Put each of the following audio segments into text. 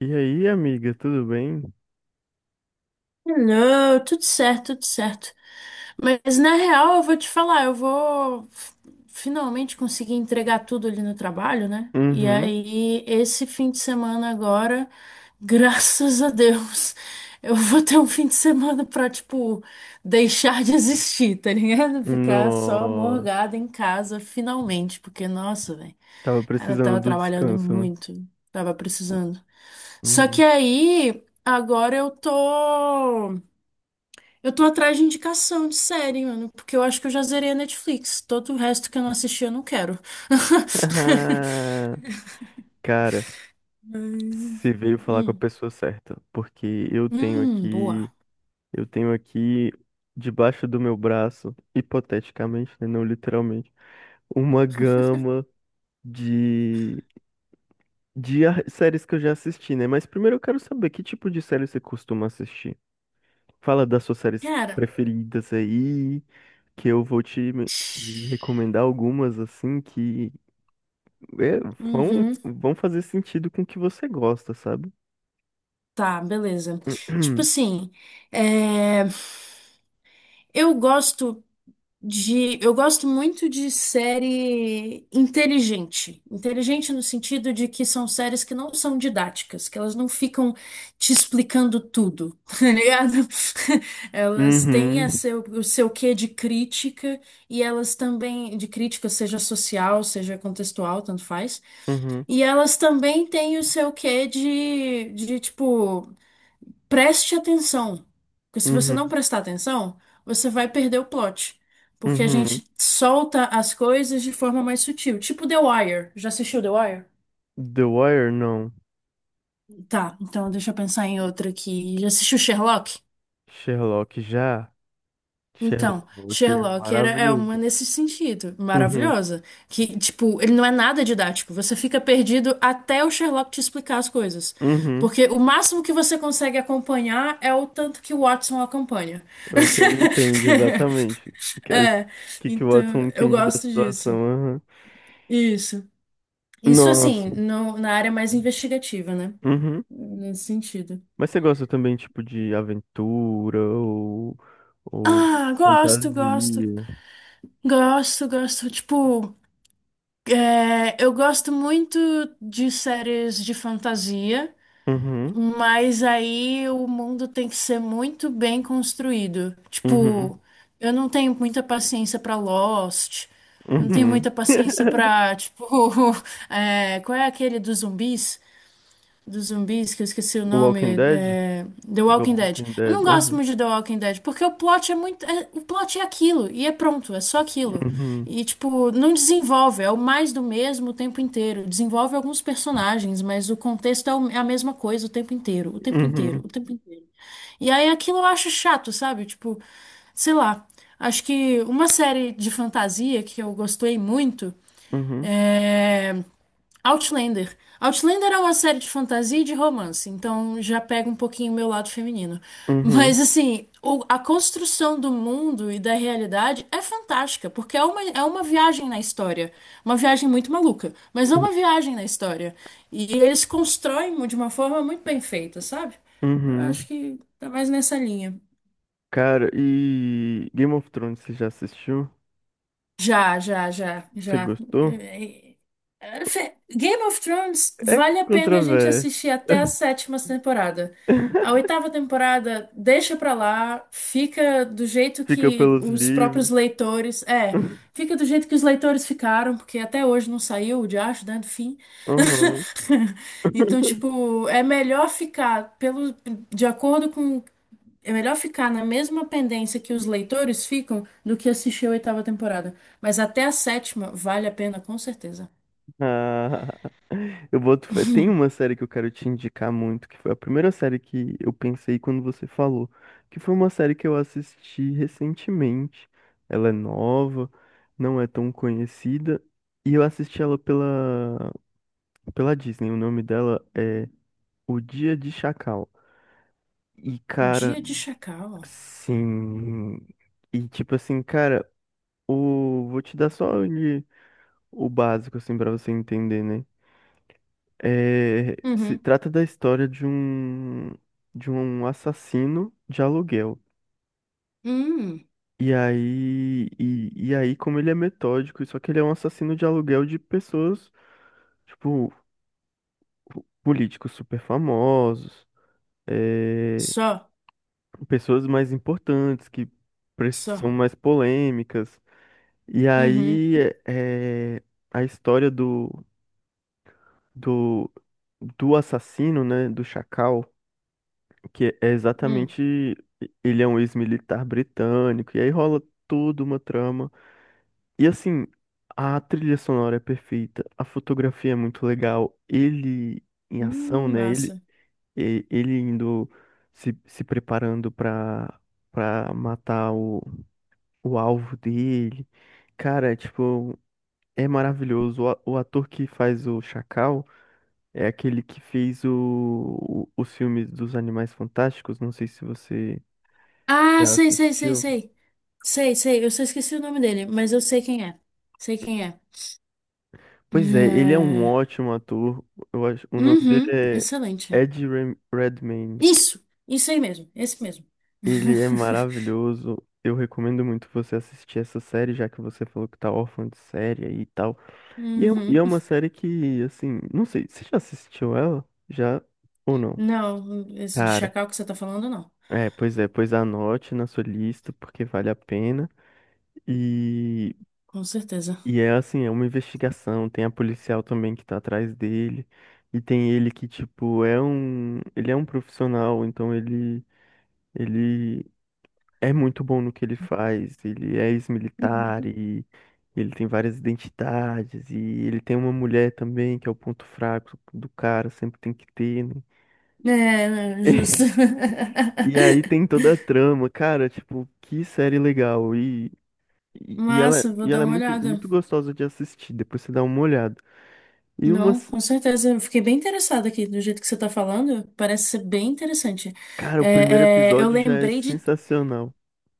E aí, amiga, tudo bem? Não, tudo certo, tudo certo. Mas na real, eu vou te falar, finalmente conseguir entregar tudo ali no trabalho, né? E Uhum. aí, esse fim de semana agora, graças a Deus, eu vou ter um fim de semana pra, tipo, deixar de existir, tá ligado? Ficar só Nossa, morgada em casa, finalmente, porque, nossa, velho, tava cara, eu precisando tava do trabalhando descanso, né? muito, tava precisando. Só que Uhum. aí, agora eu tô. Eu tô atrás de indicação de série, mano, porque eu acho que eu já zerei a Netflix. Todo o resto que eu não assisti, eu não quero. Ah, cara, Hum, você veio falar com a hum, pessoa certa, porque boa. eu tenho aqui debaixo do meu braço, hipoteticamente, né, não literalmente, uma gama de de séries que eu já assisti, né? Mas primeiro eu quero saber que tipo de série você costuma assistir. Fala das suas séries Cara. preferidas aí. Que eu vou te recomendar algumas assim que é, vão, Uhum, vão fazer sentido com o que você gosta, sabe? tá, beleza. Tipo assim, é, eu gosto. Eu gosto muito de série inteligente. Inteligente no sentido de que são séries que não são didáticas, que elas não ficam te explicando tudo, tá ligado? Elas têm Uhum, a o seu quê de crítica e elas também, de crítica, seja social, seja contextual, tanto faz. uhum, E elas também têm o seu quê de tipo. Preste atenção, porque se você uhum, não prestar atenção, você vai perder o plot, porque a uhum. gente solta as coisas de forma mais sutil, tipo The Wire. Já assistiu The Wire? The Wire, não. Tá, então deixa eu pensar em outra aqui. Já assistiu Sherlock? Sherlock já. Então, Sherlock é é uma maravilhoso. nesse sentido, Uhum, maravilhosa. Que, tipo, ele não é nada didático. Você fica perdido até o Sherlock te explicar as coisas. uhum. Porque o máximo que você consegue acompanhar é o tanto que o Watson acompanha. É o que ele entende exatamente. O que, é o É, que que o então Watson eu entende da gosto situação. disso. Aham. Isso. Nossa. Na área mais investigativa, né? Uhum. Nesse sentido. Mas você gosta também, tipo, de aventura ou Ah, gosto, gosto. fantasia? Gosto, gosto. Tipo, eu gosto muito de séries de fantasia, Uhum, mas aí o mundo tem que ser muito bem construído. Tipo, uhum, eu não tenho muita paciência pra Lost. Eu Não tenho uhum. muita paciência pra, tipo, qual é aquele dos zumbis? Que eu esqueci o Walking nome, Dead? The The Walking Dead. Walking Eu não Dead. gosto Uhum, muito de The Walking Dead, porque o plot é aquilo, e é pronto, é só aquilo. E, tipo, não desenvolve, é o mais do mesmo o tempo inteiro. Desenvolve alguns personagens, mas o contexto é o- é a mesma coisa o tempo inteiro, o tempo inteiro, uhum, o tempo inteiro. E aí aquilo eu acho chato, sabe? Tipo, sei lá. Acho que uma série de fantasia que eu gostei muito. uhum, é, Outlander. Outlander é uma série de fantasia e de romance, então já pega um pouquinho o meu lado feminino. uhum, Mas, assim, a construção do mundo e da realidade é fantástica, porque é uma viagem na história. Uma viagem muito maluca, mas é uhum, uma viagem na história. E eles constroem de uma forma muito bem feita, sabe? Eu acho uhum. que tá mais nessa linha. Cara, e Game of Thrones, você já assistiu? Já, já, já, Você já. gostou? É, é, Game of Thrones É vale a pena a gente controverso. assistir até a sétima temporada. A oitava temporada deixa pra lá, fica do jeito Fica que pelos os livros. próprios leitores. É, fica do jeito que os leitores ficaram, porque até hoje não saiu o diacho, né, do fim. Uhum. Então, tipo, é melhor ficar pelo, de acordo com. É melhor ficar na mesma pendência que os leitores ficam do que assistir a oitava temporada. Mas até a sétima vale a pena, com certeza. Ah, eu boto fé. Tem uma série que eu quero te indicar muito, que foi a primeira série que eu pensei quando você falou, que foi uma série que eu assisti recentemente. Ela é nova, não é tão conhecida, e eu assisti ela pela Disney. O nome dela é O Dia de Chacal. E cara, Dia de chacal. sim. E tipo assim, cara, o vou te dar só o básico assim para você entender, né? É, se Uhum. trata da história de um assassino de aluguel. Hum, E aí, e aí, como ele é metódico, só que ele é um assassino de aluguel de pessoas, tipo, políticos super famosos, é, só, pessoas mais importantes, que são só. mais polêmicas. E Uhum. aí, é, é, a história do, do assassino, né, do Chacal, que é Hum. exatamente ele é um ex-militar britânico, e aí rola toda uma trama. E assim, a trilha sonora é perfeita, a fotografia é muito legal, ele em ação, né? Massa. Ele indo se preparando pra, pra matar o alvo dele. Cara, é, tipo, é maravilhoso. O ator que faz o Chacal é aquele que fez os filmes dos Animais Fantásticos. Não sei se você Ah, já sei, sei, sei, assistiu. sei. Sei, sei. Eu só esqueci o nome dele, mas eu sei quem é. Sei quem é. Pois é, ele é um É, ótimo ator. Eu acho, o nome dele uhum. é Excelente. Redmayne. Isso! Isso aí mesmo. Esse mesmo. Ele é maravilhoso. Eu recomendo muito você assistir essa série, já que você falou que tá órfã de série aí e tal. E é, um, e Uhum. é uma série que, assim, não sei, você já assistiu ela? Já ou não? Não, esse de Cara, chacal que você tá falando, não. É, pois anote na sua lista, porque vale a pena. E Com certeza. e é assim, é uma investigação, tem a policial também que tá atrás dele, e tem ele que, tipo, é um, ele é um profissional, então ele é muito bom no que ele faz, ele é ex-militar e ele tem várias identidades, e ele tem uma mulher também, que é o ponto fraco do cara, sempre tem que ter, né? É, não, justo. E aí tem toda a trama, cara, tipo, que série legal. E, Massa, vou e ela dar é uma muito, olhada. muito gostosa de assistir, depois você dá uma olhada. E uma, Não, com certeza. Eu fiquei bem interessada aqui do jeito que você está falando. Parece ser bem interessante. cara, o primeiro Eu episódio já é lembrei de sensacional.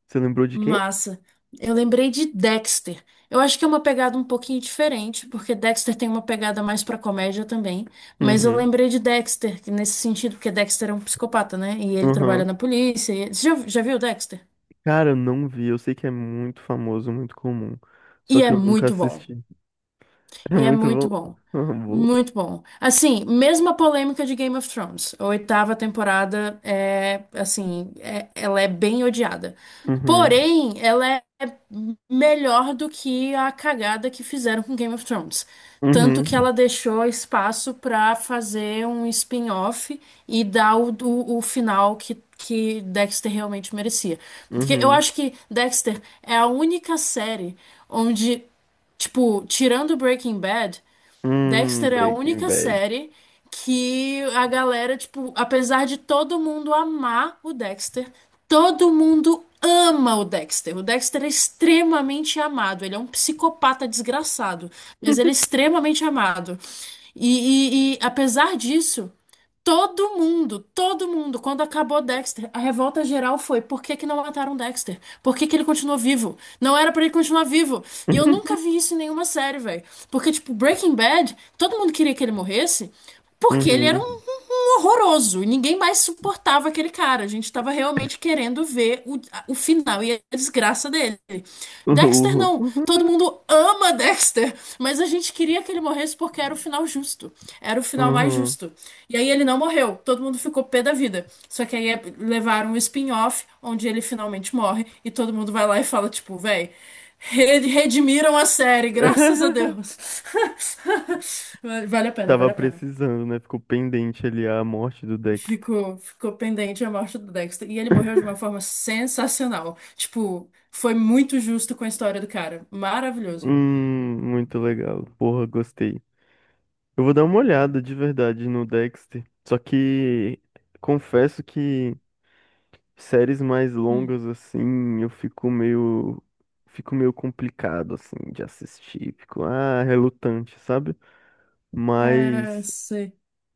Você lembrou de quê? massa. Eu lembrei de Dexter. Eu acho que é uma pegada um pouquinho diferente, porque Dexter tem uma pegada mais pra comédia também. Mas eu Uhum, lembrei de Dexter, que nesse sentido, porque Dexter é um psicopata, né? E ele trabalha uhum. na polícia. Você já viu Dexter? Cara, eu não vi. Eu sei que é muito famoso, muito comum. Só E que é eu nunca muito bom. assisti. É E é muito bom. muito bom. Uhum, boa. Muito bom. Assim, mesma polêmica de Game of Thrones. A oitava temporada é, assim, é- ela é bem odiada. Uhum, Porém, ela é melhor do que a cagada que fizeram com Game of Thrones. Tanto que uhum, ela deixou espaço pra fazer um spin-off e dar o final que Dexter realmente merecia. Porque eu uhum. acho que Dexter é a única série onde, tipo, tirando Breaking Bad. Dexter é a Breaking única Bad. série que a galera, tipo, apesar de todo mundo amar o Dexter, todo mundo ama o Dexter. O Dexter é extremamente amado. Ele é um psicopata desgraçado, mas ele é extremamente amado. Apesar disso. Todo mundo, quando acabou Dexter, a revolta geral foi: por que que não mataram Dexter? Por que que ele continuou vivo? Não era pra ele continuar vivo. E eu nunca vi isso em nenhuma série, velho. Porque, tipo, Breaking Bad, todo mundo queria que ele morresse porque ele era um Uhum, um um horroroso. E ninguém mais suportava aquele cara. A gente tava realmente querendo ver o final e a desgraça dele. Dexter uhum, não. Todo mundo ama Dexter, mas a gente queria que ele morresse porque era o final justo. Era o final mais uhum. justo. E aí ele não morreu. Todo mundo ficou pé da vida. Só que aí é- levaram um spin-off onde ele finalmente morre e todo mundo vai lá e fala, tipo, véi. Redimiram a série, graças a Deus. Vale a pena, Tava vale a pena. precisando, né? Ficou pendente ali a morte do Dexter. Ficou, ficou pendente a morte do Dexter. E ele morreu de uma forma sensacional. Tipo, foi muito justo com a história do cara. Maravilhoso. Muito legal. Porra, gostei. Eu vou dar uma olhada de verdade no Dexter. Só que confesso que séries mais Hum. longas assim, eu fico meio complicado assim de assistir, fico ah, relutante, sabe? É, Mas sei.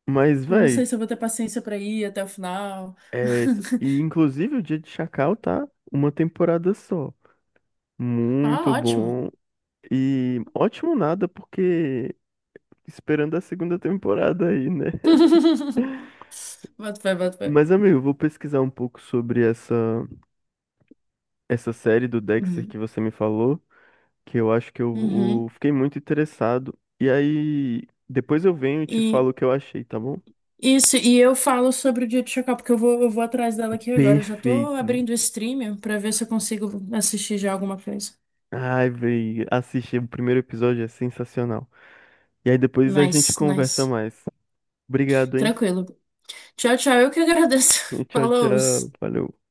mas Eu não sei véi, se eu vou ter paciência pra ir até o final. E inclusive o Dia de Chacal tá uma temporada só. Ah, Muito ótimo. bom e ótimo nada porque esperando a segunda temporada aí, né? Bota fé, bota fé. Mas, amigo, eu vou pesquisar um pouco sobre essa série do Dexter que Uhum. você me falou, que eu acho eu Uhum. fiquei muito interessado. E aí, depois eu venho e te falo E o que eu achei, tá bom? isso, e eu falo sobre o dia de Chacal, porque eu vou atrás dela aqui agora. Eu já tô Perfeito. abrindo o stream pra ver se eu consigo assistir já alguma coisa. Ai, véi, assistir o primeiro episódio é sensacional. E aí depois a gente Nice, conversa nice. mais. Obrigado, hein? Tranquilo. Tchau, tchau. Eu que agradeço. Tchau, Falou. tchau. Valeu.